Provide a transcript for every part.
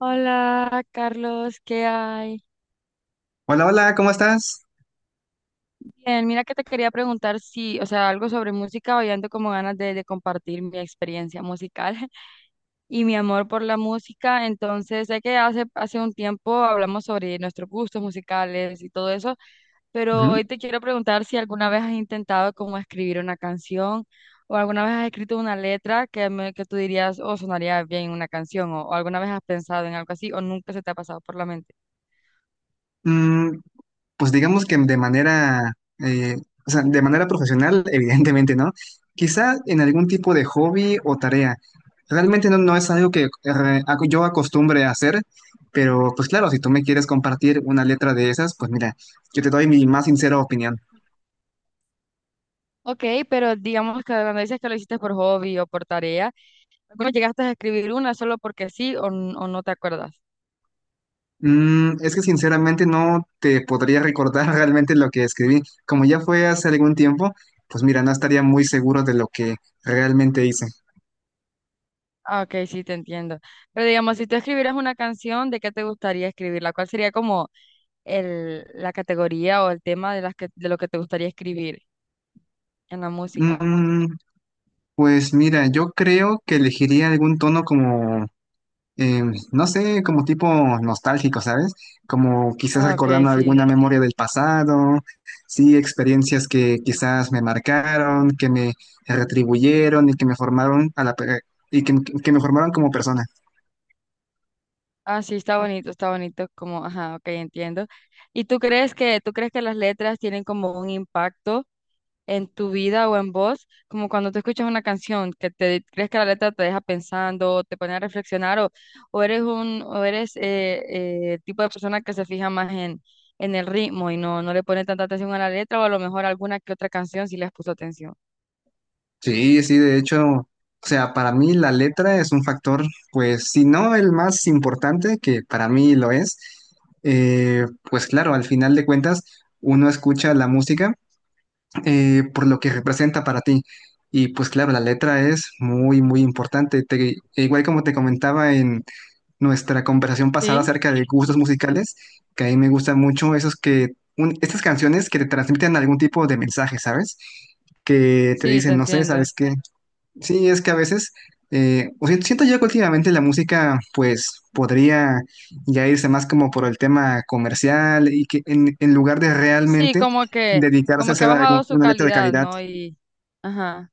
Hola, Carlos, ¿qué hay? Hola, hola, ¿cómo estás? Bien, mira que te quería preguntar si, o sea, algo sobre música. Hoy ando como ganas de compartir mi experiencia musical y mi amor por la música. Entonces, sé que hace un tiempo hablamos sobre nuestros gustos musicales y todo eso, pero Ujú. hoy te quiero preguntar si alguna vez has intentado como escribir una canción o alguna vez has escrito una letra que tú dirías, oh, sonaría bien una canción o alguna vez has pensado en algo así o nunca se te ha pasado por la mente. Mm, pues digamos que de manera, eh, o sea, de manera profesional, evidentemente, ¿no? Quizá en algún tipo de hobby o tarea. Realmente no es algo que yo acostumbre a hacer, pero pues claro, si tú me quieres compartir una letra de esas, pues mira, yo te doy mi más sincera opinión. Ok, pero digamos que cuando dices que lo hiciste por hobby o por tarea, ¿no llegaste a escribir una solo porque sí o no te acuerdas? Es que sinceramente no te podría recordar realmente lo que escribí. Como ya fue hace algún tiempo, pues mira, no estaría muy seguro de lo que realmente hice. Ah, ok, sí, te entiendo. Pero digamos, si tú escribieras una canción, ¿de qué te gustaría escribirla? ¿Cuál sería como la categoría o el tema de lo que te gustaría escribir en la música? Mm, pues mira, yo creo que elegiría algún tono como, eh, no sé, como tipo nostálgico, ¿sabes? Como quizás Ah, ok, recordando sí. alguna memoria del pasado, sí, experiencias que quizás me marcaron, que me retribuyeron y que me formaron y que me formaron como persona. Ah, sí, está bonito, como, ajá, ok, entiendo. ¿Y tú crees que las letras tienen como un impacto en tu vida o en vos, como cuando tú escuchas una canción que te crees que la letra te deja pensando, te pone a reflexionar, o eres el tipo de persona que se fija más en el ritmo y no le pone tanta atención a la letra, o a lo mejor alguna que otra canción sí les puso atención. Sí, sí, de hecho, o sea, para mí la letra es un factor, pues, si no el más importante, que para mí lo es, pues claro, al final de cuentas, uno escucha la música por lo que representa para ti. Y pues claro, la letra es muy, muy importante. E igual como te comentaba en nuestra conversación pasada ¿Sí? acerca de gustos musicales, que a mí me gustan mucho esos que, estas canciones que te transmiten algún tipo de mensaje, ¿sabes? Que te Sí, te dicen, no sé, entiendo. ¿sabes qué? Sí, es que a veces, o sea, siento yo que últimamente la música, pues, podría ya irse más como por el tema comercial y que en lugar de Sí, realmente como que, dedicarse a como que ha hacer bajado su una letra de calidad, calidad. ¿no? Y, ajá,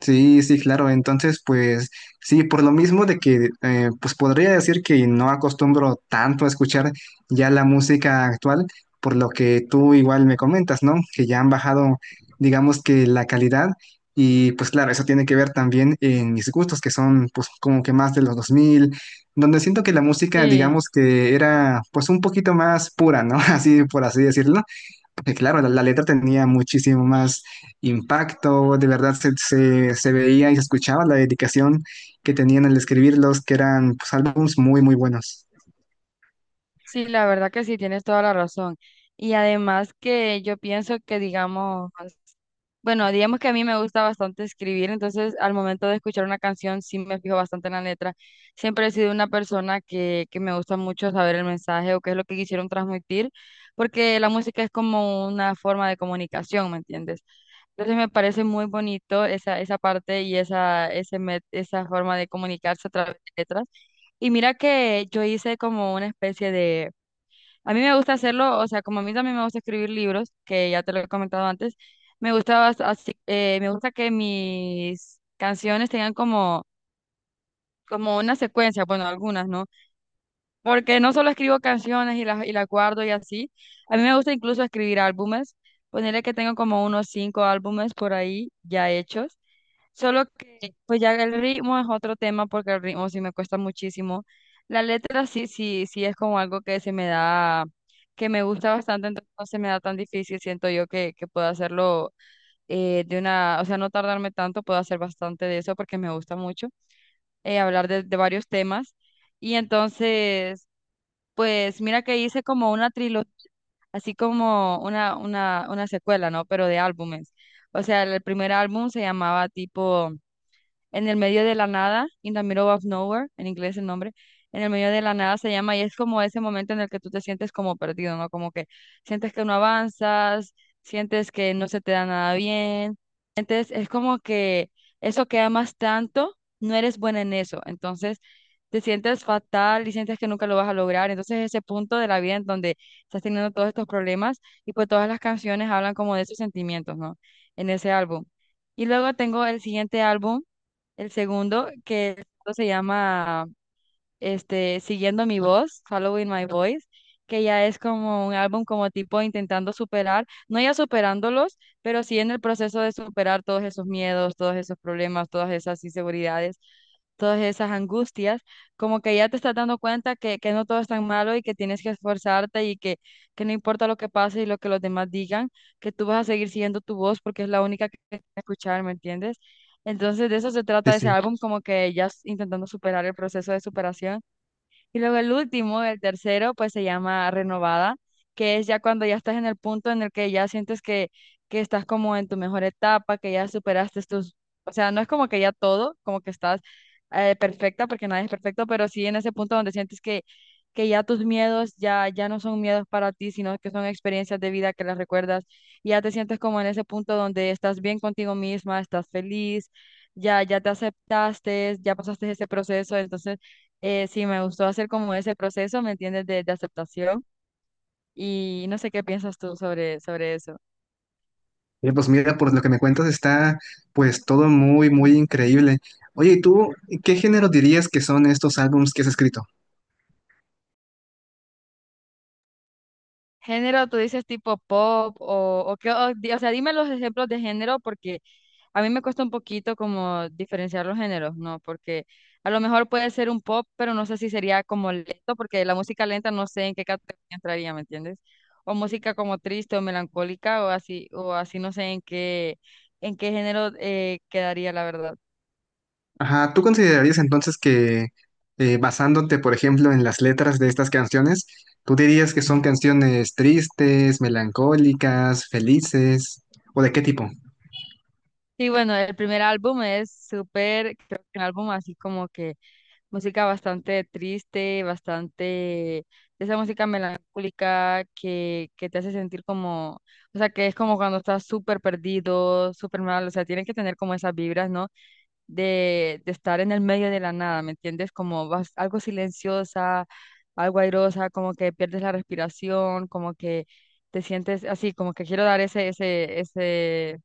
Sí, sí, claro. Entonces, pues sí, por lo mismo de que, pues podría decir que no acostumbro tanto a escuchar ya la música actual, por lo que tú igual me comentas, ¿no? Que ya han bajado, digamos que la calidad y pues claro, eso tiene que ver también en mis gustos, que son pues como que más de los 2000, donde siento que la música, sí, digamos que era pues un poquito más pura, ¿no? Así, por así decirlo. Claro, la letra tenía muchísimo más impacto, de verdad se veía y se escuchaba la dedicación que tenían al escribirlos, que eran pues álbumes muy, muy buenos. sí, la verdad que sí, tienes toda la razón. Y además que yo pienso que, digamos, bueno, digamos que a mí me gusta bastante escribir. Entonces, al momento de escuchar una canción sí me fijo bastante en la letra. Siempre he sido una persona que me gusta mucho saber el mensaje o qué es lo que quisieron transmitir, porque la música es como una forma de comunicación, ¿me entiendes? Entonces me parece muy bonito esa parte y esa forma de comunicarse a través de letras. Y mira que yo hice como una especie de, a mí me gusta hacerlo, o sea, como a mí también me gusta escribir libros, que ya te lo he comentado antes. Me gusta, me gusta que mis canciones tengan como una secuencia, bueno, algunas, ¿no? Porque no solo escribo canciones y las guardo y así. A mí me gusta incluso escribir álbumes, ponerle que tengo como unos cinco álbumes por ahí ya hechos. Solo que, pues ya el ritmo es otro tema porque el ritmo sí me cuesta muchísimo. La letra sí, sí, sí es como algo que se me da, que me gusta bastante, entonces no se me da tan difícil. Siento yo que puedo hacerlo, de una, o sea, no tardarme tanto. Puedo hacer bastante de eso porque me gusta mucho hablar de varios temas. Y entonces, pues mira que hice como una trilogía, así como una secuela, ¿no? Pero de álbumes. O sea, el primer álbum se llamaba tipo en el medio de la nada, In the Middle of Nowhere, en inglés el nombre, en el medio de la nada se llama y es como ese momento en el que tú te sientes como perdido, ¿no? Como que sientes que no avanzas, sientes que no se te da nada bien. Entonces es como que eso que amas tanto, no eres buena en eso. Entonces te sientes fatal y sientes que nunca lo vas a lograr. Entonces ese punto de la vida en donde estás teniendo todos estos problemas y pues todas las canciones hablan como de esos sentimientos, ¿no? En ese álbum. Y luego tengo el siguiente álbum, el segundo, que el segundo se llama Siguiendo mi voz, Following My Voice, que ya es como un álbum como tipo intentando superar, no ya superándolos, pero sí en el proceso de superar todos esos miedos, todos esos problemas, todas esas inseguridades, todas esas angustias, como que ya te estás dando cuenta que no todo es tan malo y que tienes que esforzarte y que no importa lo que pase y lo que los demás digan, que tú vas a seguir siguiendo tu voz porque es la única que tienes que escuchar, ¿me entiendes? Entonces de eso se Sí, trata ese sí. álbum, como que ya intentando superar el proceso de superación. Y luego el último, el tercero, pues se llama Renovada, que es ya cuando ya estás en el punto en el que ya sientes que estás como en tu mejor etapa, que ya superaste tus, o sea, no es como que ya todo, como que estás perfecta, porque nadie es perfecto, pero sí en ese punto donde sientes que ya tus miedos ya, ya no son miedos para ti, sino que son experiencias de vida que las recuerdas, y ya te sientes como en ese punto donde estás bien contigo misma, estás feliz, ya, ya te aceptaste, ya pasaste ese proceso. Entonces, sí, me gustó hacer como ese proceso, ¿me entiendes? De aceptación. Y no sé qué piensas tú sobre eso. Pues mira, por lo que me cuentas está pues todo muy, muy increíble. Oye, ¿y tú qué género dirías que son estos álbumes que has escrito? Género, tú dices tipo pop o qué, o sea, dime los ejemplos de género porque a mí me cuesta un poquito como diferenciar los géneros, ¿no? Porque a lo mejor puede ser un pop, pero no sé si sería como lento, porque la música lenta no sé en qué categoría entraría, ¿me entiendes? O música como triste o melancólica o así no sé en qué género quedaría, la verdad. Ajá, ¿tú considerarías entonces que basándote, por ejemplo, en las letras de estas canciones, tú dirías que son canciones tristes, melancólicas, felices, o de qué tipo? Sí, bueno, el primer álbum es súper, creo que un álbum así como que música bastante triste, bastante, esa música melancólica que te hace sentir como, o sea, que es como cuando estás súper perdido, súper mal, o sea, tienen que tener como esas vibras, ¿no? De estar en el medio de la nada, ¿me entiendes? Como vas, algo silenciosa, algo airosa, como que pierdes la respiración, como que te sientes así, como que quiero dar ese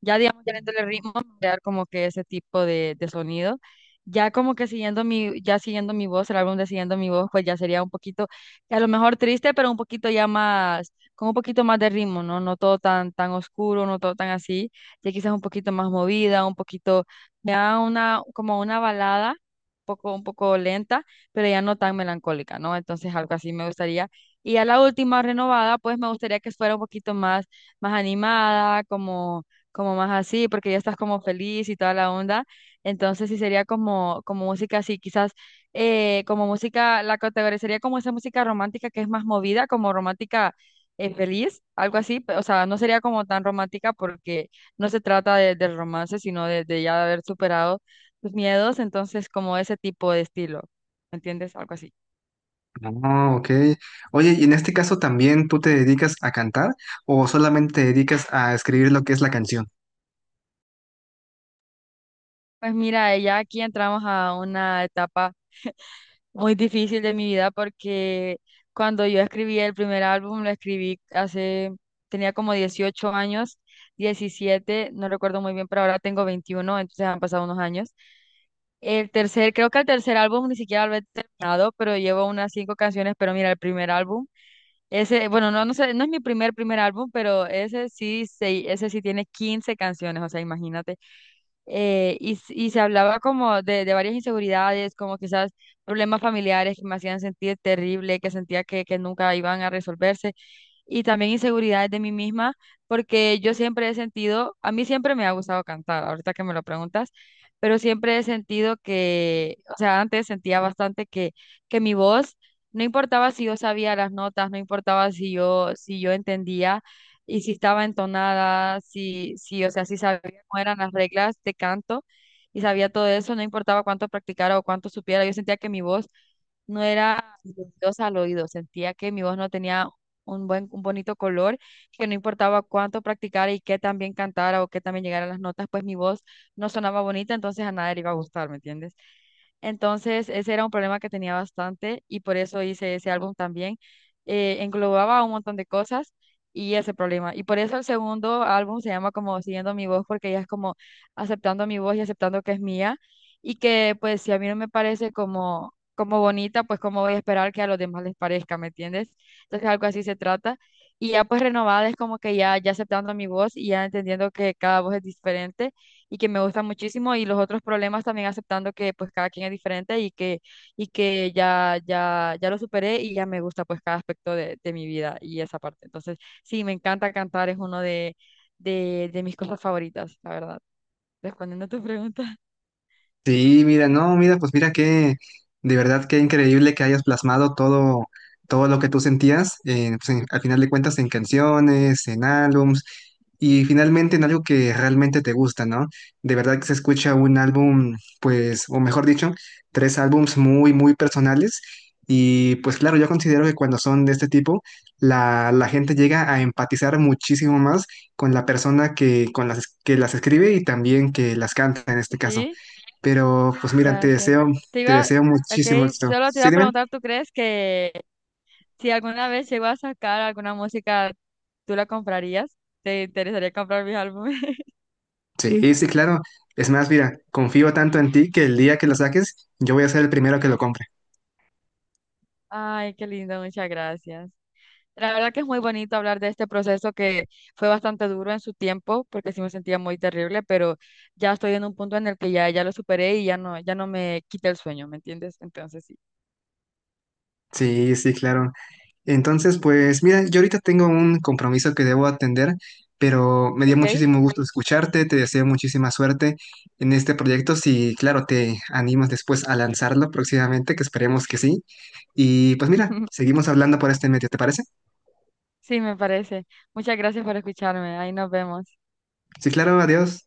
ya, digamos, ya dentro del ritmo, crear como que ese tipo de sonido. Ya como que siguiendo mi voz, el álbum de Siguiendo mi voz, pues ya sería un poquito, a lo mejor triste, pero un poquito ya más, con un poquito más de ritmo, ¿no? No todo tan, tan oscuro, no todo tan así. Ya quizás un poquito más movida, un poquito, ya una, como una balada, un poco lenta, pero ya no tan melancólica, ¿no? Entonces algo así me gustaría. Y a la última renovada, pues me gustaría que fuera un poquito más, animada, como como más así, porque ya estás como feliz y toda la onda. Entonces sí sería como música así, quizás como música, la categorizaría como esa música romántica que es más movida, como romántica feliz, algo así. O sea, no sería como tan romántica porque no se trata del romance, sino de ya haber superado tus miedos. Entonces, como ese tipo de estilo, ¿me entiendes? Algo así. Ah, ok. Oye, ¿y en este caso también tú te dedicas a cantar o solamente te dedicas a escribir lo que es la canción? Pues mira, ya aquí entramos a una etapa muy difícil de mi vida porque cuando yo escribí el primer álbum, lo escribí tenía como 18 años, 17 no recuerdo muy bien, pero ahora tengo 21. Entonces, han pasado unos años. Creo que el tercer álbum ni siquiera lo he terminado, pero llevo unas cinco canciones. Pero mira, el primer álbum, ese, bueno, no, no sé, no es mi primer primer álbum, pero ese sí tiene 15 canciones, o sea, imagínate. Y se hablaba como de varias inseguridades, como quizás problemas familiares que me hacían sentir terrible, que sentía que nunca iban a resolverse, y también inseguridades de mí misma, porque yo siempre he sentido, a mí siempre me ha gustado cantar, ahorita que me lo preguntas, pero siempre he sentido que, o sea, antes sentía bastante que mi voz. No importaba si yo sabía las notas, no importaba si yo entendía, y si estaba entonada, o sea, si sabía cómo eran las reglas de canto y sabía todo eso. No importaba cuánto practicara o cuánto supiera, yo sentía que mi voz no era melodiosa al oído, sentía que mi voz no tenía un bonito color, que no importaba cuánto practicara y qué tan bien cantara o qué tan bien llegara a las notas, pues mi voz no sonaba bonita, entonces a nadie le iba a gustar, ¿me entiendes? Entonces, ese era un problema que tenía bastante y por eso hice ese álbum también. Englobaba un montón de cosas y ese problema. Y por eso el segundo álbum se llama como Siguiendo mi voz, porque ella es como aceptando mi voz y aceptando que es mía y que pues si a mí no me parece como bonita, pues cómo voy a esperar que a los demás les parezca, ¿me entiendes? Entonces, algo así se trata. Y ya pues renovada es como que ya, ya aceptando mi voz y ya entendiendo que cada voz es diferente y que me gusta muchísimo y los otros problemas también aceptando que pues cada quien es diferente y que ya, ya, ya lo superé y ya me gusta pues cada aspecto de mi vida y esa parte. Entonces, sí, me encanta cantar, es uno de mis cosas favoritas, la verdad. Respondiendo a tu pregunta. Sí, mira, no, mira, pues mira que de verdad qué increíble que hayas plasmado todo, todo lo que tú sentías, al final de cuentas en canciones, en álbums y finalmente en algo que realmente te gusta, ¿no? De verdad que se escucha un álbum, pues, o mejor dicho, tres álbums muy, muy personales y pues claro, yo considero que cuando son de este tipo, la gente llega a empatizar muchísimo más con la persona con que las escribe y también que las canta en este caso. Sí, Pero pues mira, gracias. Te te iba, deseo muchísimo ok, éxito. solo te iba ¿Sí, a dime? preguntar, ¿tú crees que si alguna vez llego a sacar alguna música, tú la comprarías? ¿Te interesaría comprar mis álbumes? Sí, sí, claro. Es más, mira, confío tanto en ti que el día que lo saques, yo voy a ser el primero que lo compre. Ay, qué lindo, muchas gracias. La verdad que es muy bonito hablar de este proceso que fue bastante duro en su tiempo, porque sí me sentía muy terrible, pero ya estoy en un punto en el que ya, ya lo superé y ya no, ya no me quita el sueño, ¿me entiendes? Entonces sí. Sí, sí, claro. Entonces, pues mira, yo ahorita tengo un compromiso que debo atender, pero me dio ¿Ok? muchísimo gusto escucharte, te deseo muchísima suerte en este proyecto, si claro, te animas después a lanzarlo próximamente, que esperemos que sí. Y pues mira, seguimos hablando por este medio, ¿te parece? Sí, me parece. Muchas gracias por escucharme. Ahí nos vemos. Sí, claro, adiós.